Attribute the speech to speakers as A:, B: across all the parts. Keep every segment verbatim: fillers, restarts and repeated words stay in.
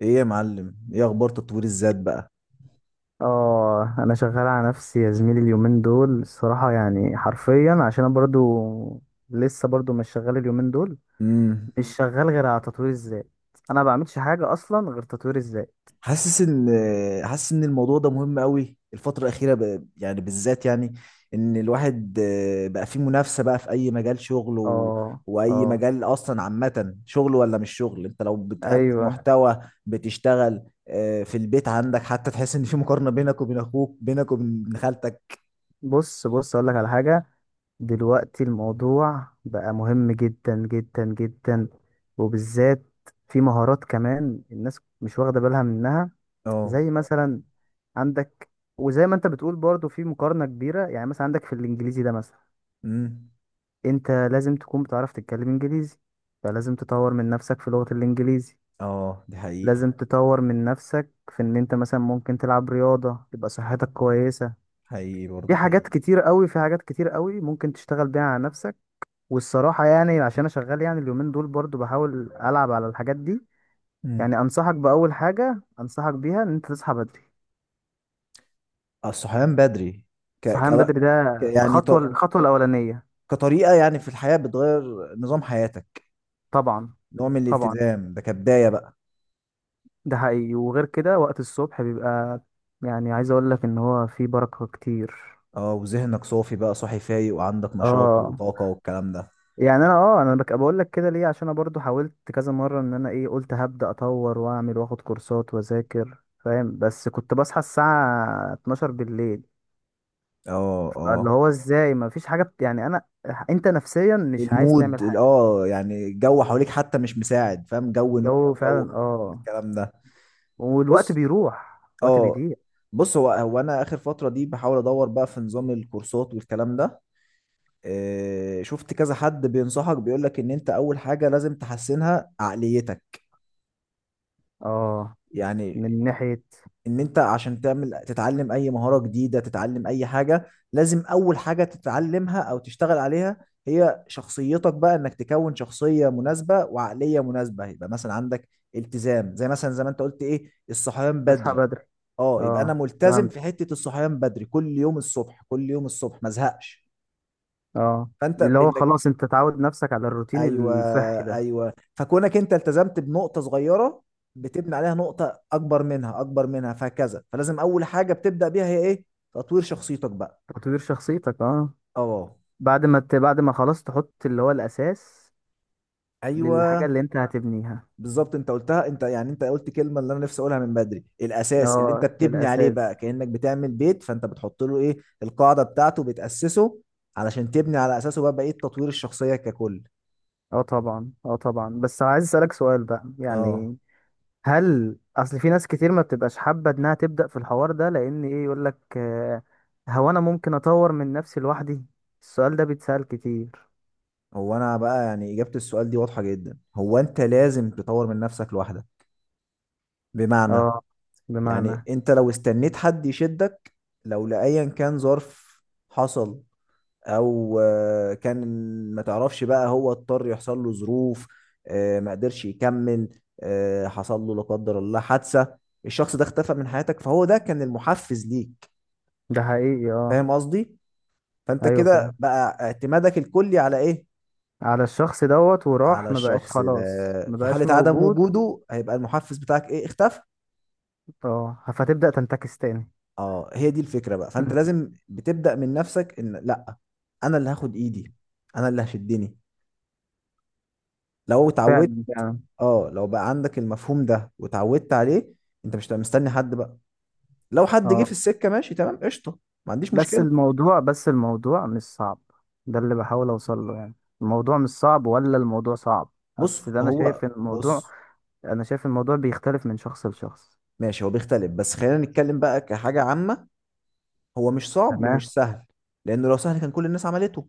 A: ايه يا معلم، ايه اخبار تطوير الذات بقى؟
B: اه، انا شغال على نفسي يا زميلي اليومين دول الصراحة، يعني حرفيا عشان انا برضو لسه برضو مش شغال اليومين دول.
A: امم.
B: مش شغال غير على تطوير الذات. انا ما بعملش حاجة اصلا غير تطوير الذات.
A: حاسس ان حاسس ان الموضوع ده مهم قوي الفتره الاخيره، ب... يعني بالذات، يعني ان الواحد آه، بقى فيه منافسه بقى في اي مجال شغل، و...
B: اه
A: واي
B: اه
A: مجال اصلا عامه شغل ولا مش شغل. انت لو بتقدم
B: ايوه.
A: محتوى بتشتغل آه، في البيت عندك، حتى تحس ان في مقارنه بينك وبين اخوك، بينك وبين ابن خالتك.
B: بص بص اقول لك على حاجة. دلوقتي الموضوع بقى مهم جدا جدا جدا، وبالذات في مهارات كمان الناس مش واخدة بالها منها.
A: اه.
B: زي مثلا عندك، وزي ما انت بتقول برضو في مقارنة كبيرة، يعني مثلا عندك في الانجليزي ده مثلا،
A: امم.
B: انت لازم تكون بتعرف تتكلم انجليزي، فلازم تطور من نفسك في لغة الانجليزي.
A: اه، دي حقيقه.
B: لازم تطور من نفسك في ان انت مثلا ممكن تلعب رياضة تبقى صحتك كويسة.
A: حقيقي
B: في
A: برضه
B: حاجات
A: حقيقي.
B: كتير قوي في حاجات كتير قوي ممكن تشتغل بيها على نفسك. والصراحة يعني عشان انا شغال يعني اليومين دول برضو بحاول العب على الحاجات دي.
A: مم.
B: يعني انصحك باول حاجة انصحك بيها ان انت تصحى بدري.
A: الصحيان بدري. ك... ك...
B: صحيان بدري ده
A: ك... يعني
B: خطوة،
A: ط...
B: الخطوة الأولانية.
A: كطريقة، يعني في الحياة بتغير نظام حياتك.
B: طبعا
A: نوع من
B: طبعا.
A: الالتزام ده كبداية بقى.
B: ده حقيقي. وغير كده وقت الصبح بيبقى، يعني عايز أقول لك إن هو فيه بركة كتير.
A: اه، وذهنك صافي بقى، صاحي فايق، وعندك نشاط
B: اه،
A: وطاقة والكلام ده.
B: يعني أنا اه أنا بك- بقول لك كده ليه؟ عشان أنا برضو حاولت كذا مرة إن أنا إيه قلت هبدأ أطور وأعمل وآخد كورسات وأذاكر، فاهم؟ بس كنت بصحى الساعة اتناشر بالليل.
A: اه اه.
B: فاللي هو إزاي مفيش حاجة بت... يعني أنا، أنت نفسيا مش عايز
A: المود
B: تعمل
A: ال-
B: حاجة.
A: اه، يعني الجو حواليك حتى مش مساعد، فاهم؟ جو نوم.
B: الجو فعلا
A: جو
B: اه.
A: الكلام ده.
B: والوقت
A: بص.
B: بيروح، الوقت
A: اه.
B: بيضيع.
A: بص، هو هو انا اخر فترة دي بحاول ادور بقى في نظام الكورسات والكلام ده. آه، شفت كذا حد بينصحك بيقول لك ان انت اول حاجة لازم تحسنها عقليتك.
B: اه،
A: يعني
B: من ناحية.
A: ان انت عشان تعمل، تتعلم اي مهارة جديدة، تتعلم اي حاجة، لازم اول حاجة تتعلمها او تشتغل عليها هي شخصيتك بقى، انك تكون شخصية مناسبة وعقلية مناسبة. يبقى مثلا عندك التزام، زي مثلا زي ما انت قلت ايه، الصحيان
B: تصحى
A: بدري.
B: بدري.
A: اه، يبقى انا
B: اه
A: ملتزم في
B: فهمت.
A: حتة الصحيان بدري، كل يوم الصبح، كل يوم الصبح ما ازهقش.
B: اه،
A: فانت
B: اللي هو
A: بانك
B: خلاص انت تعود نفسك على الروتين
A: ايوه.
B: الصحي ده.
A: ايوه، فكونك انت التزمت بنقطه صغيره، بتبني عليها نقطه اكبر منها، اكبر منها، فهكذا. فلازم اول حاجه بتبدا بيها هي ايه؟ تطوير شخصيتك بقى.
B: تطوير شخصيتك اه.
A: اه.
B: بعد ما ت... بعد ما خلاص تحط اللي هو الأساس للحاجة
A: ايوه،
B: اللي انت هتبنيها.
A: بالظبط. انت قلتها انت، يعني انت قلت كلمه اللي انا نفسي اقولها من بدري: الاساس اللي انت
B: اه
A: بتبني عليه بقى.
B: الأساس.
A: كانك بتعمل بيت، فانت بتحط له ايه، القاعده بتاعته، بتاسسه علشان تبني على اساسه بقى بقيه تطوير الشخصيه ككل.
B: اه طبعا اه طبعا، بس عايز أسألك سؤال بقى،
A: اه.
B: يعني هل أصل في ناس كتير ما بتبقاش حابة إنها تبدأ في الحوار ده، لأن إيه يقولك آه، هو أنا ممكن أطور من نفسي لوحدي؟ السؤال ده بيتسأل كتير.
A: هو انا بقى يعني اجابه السؤال دي واضحه جدا، هو انت لازم تطور من نفسك لوحدك. بمعنى،
B: اه،
A: يعني
B: بمعنى.
A: انت لو استنيت حد يشدك، لو لأيا كان ظرف حصل، او آه، كان، ما تعرفش بقى هو اضطر يحصل له ظروف، آه، ما قدرش يكمل، آه، حصل له لا قدر الله حادثة، الشخص ده اختفى من حياتك، فهو ده كان المحفز ليك،
B: ده حقيقي اه.
A: فاهم قصدي؟ فانت
B: ايوه
A: كده
B: فعلا.
A: بقى اعتمادك الكلي على ايه؟
B: على الشخص دوت
A: على
B: وراح، ما بقاش
A: الشخص
B: خلاص،
A: ده.
B: ما
A: في
B: بقاش
A: حالة عدم
B: موجود.
A: وجوده هيبقى المحفز بتاعك ايه؟ اختفى.
B: اه فتبدأ تنتكس تاني.
A: اه، هي دي الفكرة بقى. فانت لازم بتبدأ من نفسك، ان لا، انا اللي هاخد ايدي، انا اللي هشدني. لو اتعودت،
B: فعلا فعلا.
A: اه، لو بقى عندك المفهوم ده واتعودت عليه، انت مش هتبقى مستني حد بقى. لو حد جه
B: اه
A: في السكة ماشي، تمام، قشطة، ما عنديش
B: بس
A: مشكلة.
B: الموضوع، بس الموضوع مش صعب. ده اللي بحاول اوصل له يعني. الموضوع مش صعب ولا الموضوع صعب؟
A: بص.
B: اصل ده انا
A: هو
B: شايف إن الموضوع،
A: بص،
B: انا شايف الموضوع بيختلف من شخص لشخص.
A: ماشي، هو بيختلف، بس خلينا نتكلم بقى كحاجة عامة. هو مش صعب
B: تمام.
A: ومش سهل، لانه لو سهل كان كل الناس عملته.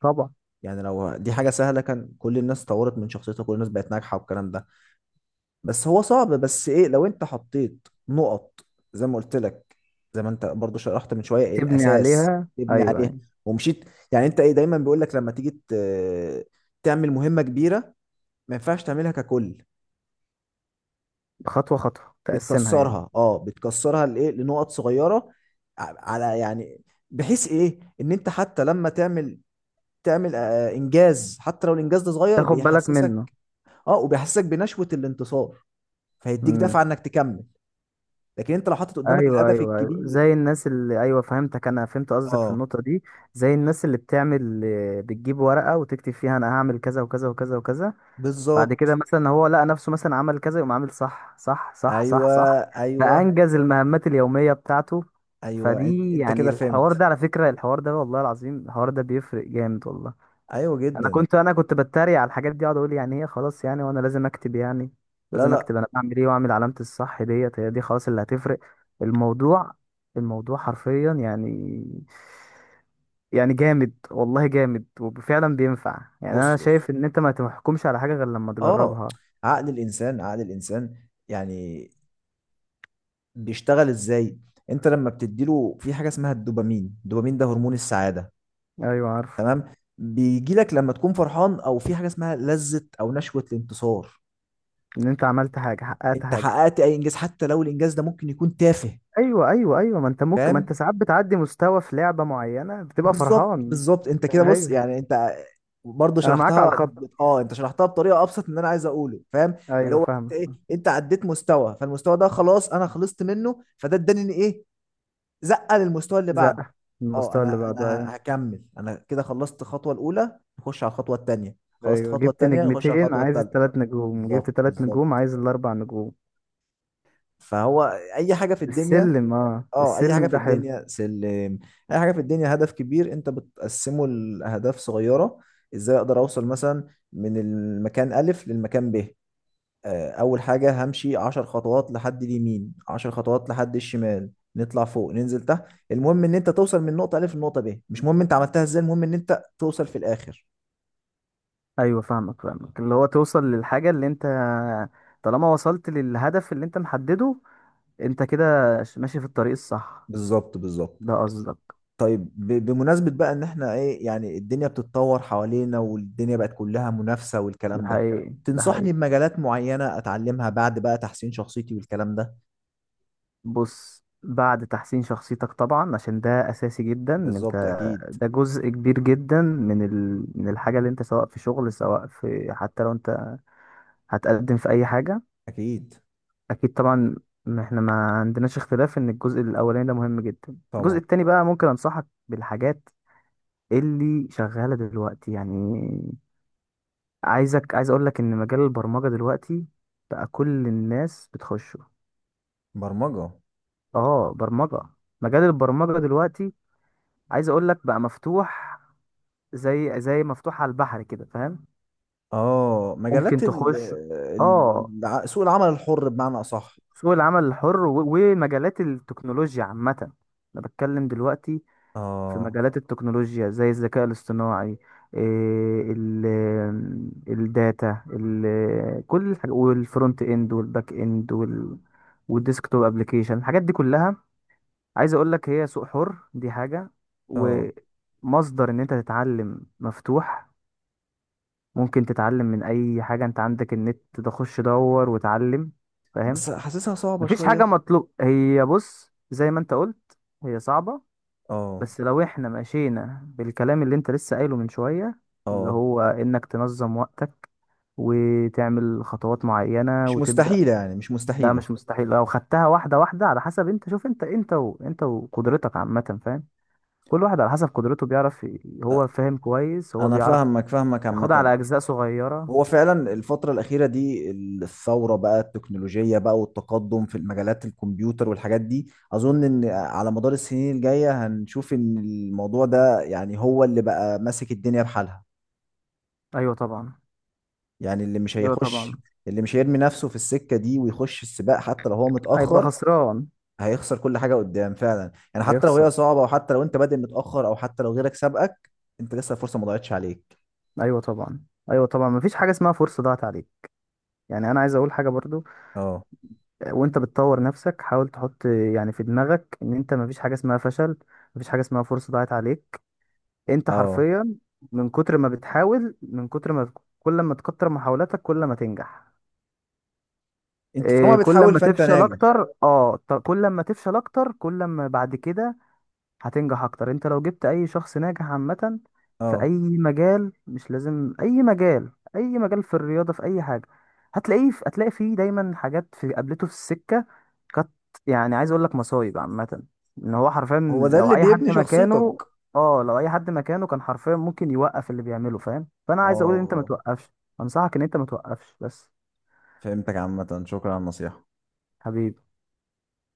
B: طبعا.
A: يعني لو دي حاجة سهلة، كان كل الناس طورت من شخصيتها، كل الناس بقت ناجحة والكلام ده. بس هو صعب، بس ايه، لو انت حطيت نقط زي ما قلت لك، زي ما انت برضو شرحت من شويه،
B: تبني
A: الاساس
B: عليها
A: تبني
B: ايوه
A: عليه
B: يعني.
A: ومشيت. يعني انت ايه، دايما بيقول لك لما تيجي ت- تعمل مهمه كبيره، ما ينفعش تعملها ككل،
B: خطوة خطوة تقسمها يعني.
A: بتكسرها، اه، بتكسرها لايه، لنقط صغيره ع- على، يعني، بحيث ايه ان انت حتى لما تعمل، تعمل آه، انجاز، حتى لو الانجاز ده صغير،
B: تاخد بالك
A: بيحسسك،
B: منه.
A: اه، وبيحسسك بنشوه الانتصار، فيديك دفعه
B: مم.
A: انك تكمل. لكن انت لو حاطط قدامك
B: ايوه
A: الهدف
B: ايوه ايوه.
A: الكبير،
B: زي الناس اللي ايوه، فهمتك، انا فهمت قصدك في
A: اه.
B: النقطه دي. زي الناس اللي بتعمل آه، بتجيب ورقه وتكتب فيها انا هعمل كذا وكذا وكذا وكذا. بعد كده
A: بالظبط.
B: مثلا هو لقى نفسه مثلا عمل كذا، يقوم عامل صح صح صح صح
A: ايوه
B: صح،
A: ايوه
B: فانجز المهمات اليوميه بتاعته.
A: ايوه، ان-
B: فدي
A: انت
B: يعني،
A: كده
B: الحوار
A: فهمت.
B: ده على فكره، الحوار ده والله العظيم الحوار ده بيفرق جامد والله.
A: ايوه
B: انا
A: جدا.
B: كنت انا كنت بتريق على الحاجات دي، اقعد اقول يعني هي خلاص يعني، وانا لازم اكتب يعني؟
A: لا
B: لازم
A: لا.
B: اكتب انا بعمل ايه واعمل علامة الصح ديت، هي دي خلاص اللي هتفرق؟ الموضوع الموضوع حرفيا يعني، يعني جامد والله جامد، وفعلا بينفع. يعني
A: بص
B: انا
A: بص.
B: شايف ان انت ما تحكمش على حاجة غير لما
A: اه.
B: تجربها.
A: عقل الانسان، عقل الانسان يعني بيشتغل ازاي؟ انت لما بتديله في حاجه اسمها الدوبامين، الدوبامين ده هرمون السعاده.
B: ايوه عارف.
A: تمام، بيجي لك لما تكون فرحان، او في حاجه اسمها لذه او نشوه الانتصار،
B: ان انت عملت حاجة، حققت
A: انت
B: حاجة.
A: حققت اي انجاز حتى لو الانجاز ده ممكن يكون تافه،
B: ايوه ايوه ايوه، ما انت ممكن، ما
A: فاهم؟
B: انت ساعات بتعدي مستوى في لعبة معينة بتبقى
A: بالظبط
B: فرحان.
A: بالظبط. انت كده، بص،
B: ايوه.
A: يعني انت برضه
B: انا معاك على
A: شرحتها، بت-
B: الخط.
A: اه، انت شرحتها بطريقه ابسط من اللي انا عايز اقوله، فاهم؟ اللي
B: ايوه
A: هو انت
B: فاهم.
A: ايه، انت عديت مستوى، فالمستوى ده خلاص انا خلصت منه، فده اداني ان ايه، زقه للمستوى اللي
B: زق
A: بعده. اه،
B: المستوى اللي
A: انا انا
B: بعده
A: ه-
B: ايوه.
A: هكمل. انا كده خلصت الخطوه الاولى، نخش على الخطوه الثانيه. خلصت
B: ايوه
A: الخطوه
B: جبت هو
A: الثانيه، نخش على
B: نجمتين
A: الخطوه
B: عايز
A: الثالثه.
B: التلات نجوم، جبت
A: بالظبط
B: تلات نجوم
A: بالظبط.
B: عايز الاربع نجوم.
A: فهو اي حاجه في الدنيا،
B: السلم اه،
A: اه، اي حاجه
B: السلم
A: في
B: ده حلو.
A: الدنيا سلم. اي حاجه في الدنيا هدف كبير، انت بتقسمه لاهداف صغيره. ازاي اقدر اوصل مثلا من المكان الف للمكان ب؟ آه، اول حاجه همشي عشر خطوات لحد اليمين، عشر خطوات لحد الشمال، نطلع فوق، ننزل تحت. المهم ان انت توصل من نقطه الف لنقطه ب، مش مهم انت عملتها ازاي، المهم ان انت توصل في الاخر.
B: ايوه فاهمك فاهمك، اللي هو توصل للحاجة اللي انت، طالما وصلت للهدف اللي انت محدده، انت كده ش- ماشي في الطريق الصح.
A: بالظبط بالظبط.
B: ده قصدك.
A: طيب، ب- بمناسبة بقى ان احنا ايه، يعني الدنيا بتتطور حوالينا، والدنيا بقت كلها منافسة
B: ده
A: والكلام ده،
B: حقيقي ده
A: تنصحني
B: حقيقي.
A: بمجالات معينة اتعلمها بعد بقى تحسين شخصيتي والكلام ده؟
B: بص، بعد تحسين شخصيتك طبعا عشان ده اساسي جدا إن انت،
A: بالظبط، اكيد.
B: ده جزء كبير جدا من ال... من الحاجة اللي انت سواء في شغل سواء في، حتى لو انت هتقدم في اي حاجه.
A: اكيد
B: اكيد طبعا. ما احنا ما عندناش اختلاف ان الجزء الاولاني ده مهم جدا. الجزء
A: طبعا.
B: التاني بقى ممكن انصحك بالحاجات اللي شغاله دلوقتي يعني. عايزك، عايز اقول لك ان مجال البرمجه دلوقتي بقى كل الناس بتخشه.
A: برمجة.
B: اه، برمجه. مجال البرمجه دلوقتي عايز اقول لك بقى مفتوح، زي زي مفتوح على البحر كده، فاهم؟
A: اه، مجالات
B: ممكن
A: ال
B: تخش. اه،
A: ال- الع- سوق العمل الحر، بمعنى اصح.
B: سوق العمل الحر و- ومجالات التكنولوجيا عامه. انا بتكلم دلوقتي في
A: اه
B: مجالات التكنولوجيا زي الذكاء الاصطناعي، إيه، ال الداتا ال كل الحاجة والفرونت اند والباك اند وال والديسكتوب ابلكيشن، الحاجات دي كلها عايز اقول لك هي سوق حر. دي حاجة.
A: اه.
B: ومصدر ان انت تتعلم مفتوح، ممكن تتعلم من اي حاجة، انت عندك النت تخش دور وتعلم، فاهم؟
A: بس حاسسها صعبة
B: مفيش حاجة
A: شوية.
B: مطلوب. هي بص زي ما انت قلت، هي صعبة،
A: اه
B: بس لو احنا مشينا بالكلام اللي انت لسه قايله من شوية، اللي
A: اه.
B: هو انك تنظم وقتك وتعمل خطوات معينة
A: مش
B: وتبدأ،
A: مستحيلة، يعني مش
B: ده
A: مستحيلة.
B: مش مستحيل. لو خدتها واحدة واحدة على حسب انت، شوف انت، انت و... انت وقدرتك عامة، فاهم؟ كل واحد على حسب قدرته بيعرف ي- هو فاهم كويس هو
A: انا
B: بيعرف
A: فاهمك، فاهمك
B: ياخدها
A: عامة.
B: على أجزاء صغيرة.
A: هو فعلا الفترة الأخيرة دي الثورة بقى التكنولوجية بقى والتقدم في المجالات الكمبيوتر والحاجات دي، أظن إن على مدار السنين الجاية هنشوف إن الموضوع ده يعني هو اللي بقى ماسك الدنيا بحالها.
B: أيوة طبعا.
A: يعني اللي مش
B: أيوة
A: هيخش،
B: طبعا.
A: اللي مش هيرمي نفسه في السكة دي ويخش السباق حتى لو هو
B: هيبقى
A: متأخر،
B: خسران.
A: هيخسر كل حاجة قدام، فعلا. يعني حتى لو
B: هيخسر.
A: هي صعبة، وحتى لو أنت بادئ متأخر، أو حتى لو غيرك سبقك، أنت لسه الفرصة ما ضاعتش عليك.
B: أيوة طبعا. أيوة طبعا، مفيش حاجة اسمها فرصة ضاعت عليك. يعني أنا عايز أقول حاجة برضو،
A: أه.
B: وانت بتطور نفسك حاول تحط يعني في دماغك ان انت، مفيش حاجة اسمها فشل، مفيش حاجة اسمها فرصة ضاعت عليك. انت
A: أه،
B: حرفيا من كتر ما بتحاول، من كتر ما، كل ما تكتر محاولاتك كل ما تنجح.
A: أنت طالما
B: إيه، كل
A: بتحاول
B: ما
A: فأنت
B: تفشل
A: ناجح.
B: اكتر اه، ط- كل ما تفشل اكتر كل ما بعد كده هتنجح اكتر. انت لو جبت اي شخص ناجح عامة في اي
A: أه،
B: مجال، مش لازم اي مجال، اي مجال في الرياضة، في اي حاجة، هتلاقيه في... هتلاقي فيه دايما حاجات في قابلته في السكة كانت، يعني عايز اقول لك مصايب عامة، ان هو حرفيا
A: هو ده
B: لو
A: اللي
B: اي حد
A: بيبني
B: مكانه،
A: شخصيتك.
B: اه لو اي حد مكانه كان حرفيا ممكن يوقف اللي بيعمله، فاهم؟ فانا عايز اقول ان انت ما
A: اه،
B: توقفش. انصحك ان انت ما توقفش بس.
A: فهمتك عامة، شكرا على النصيحة.
B: حبيبي.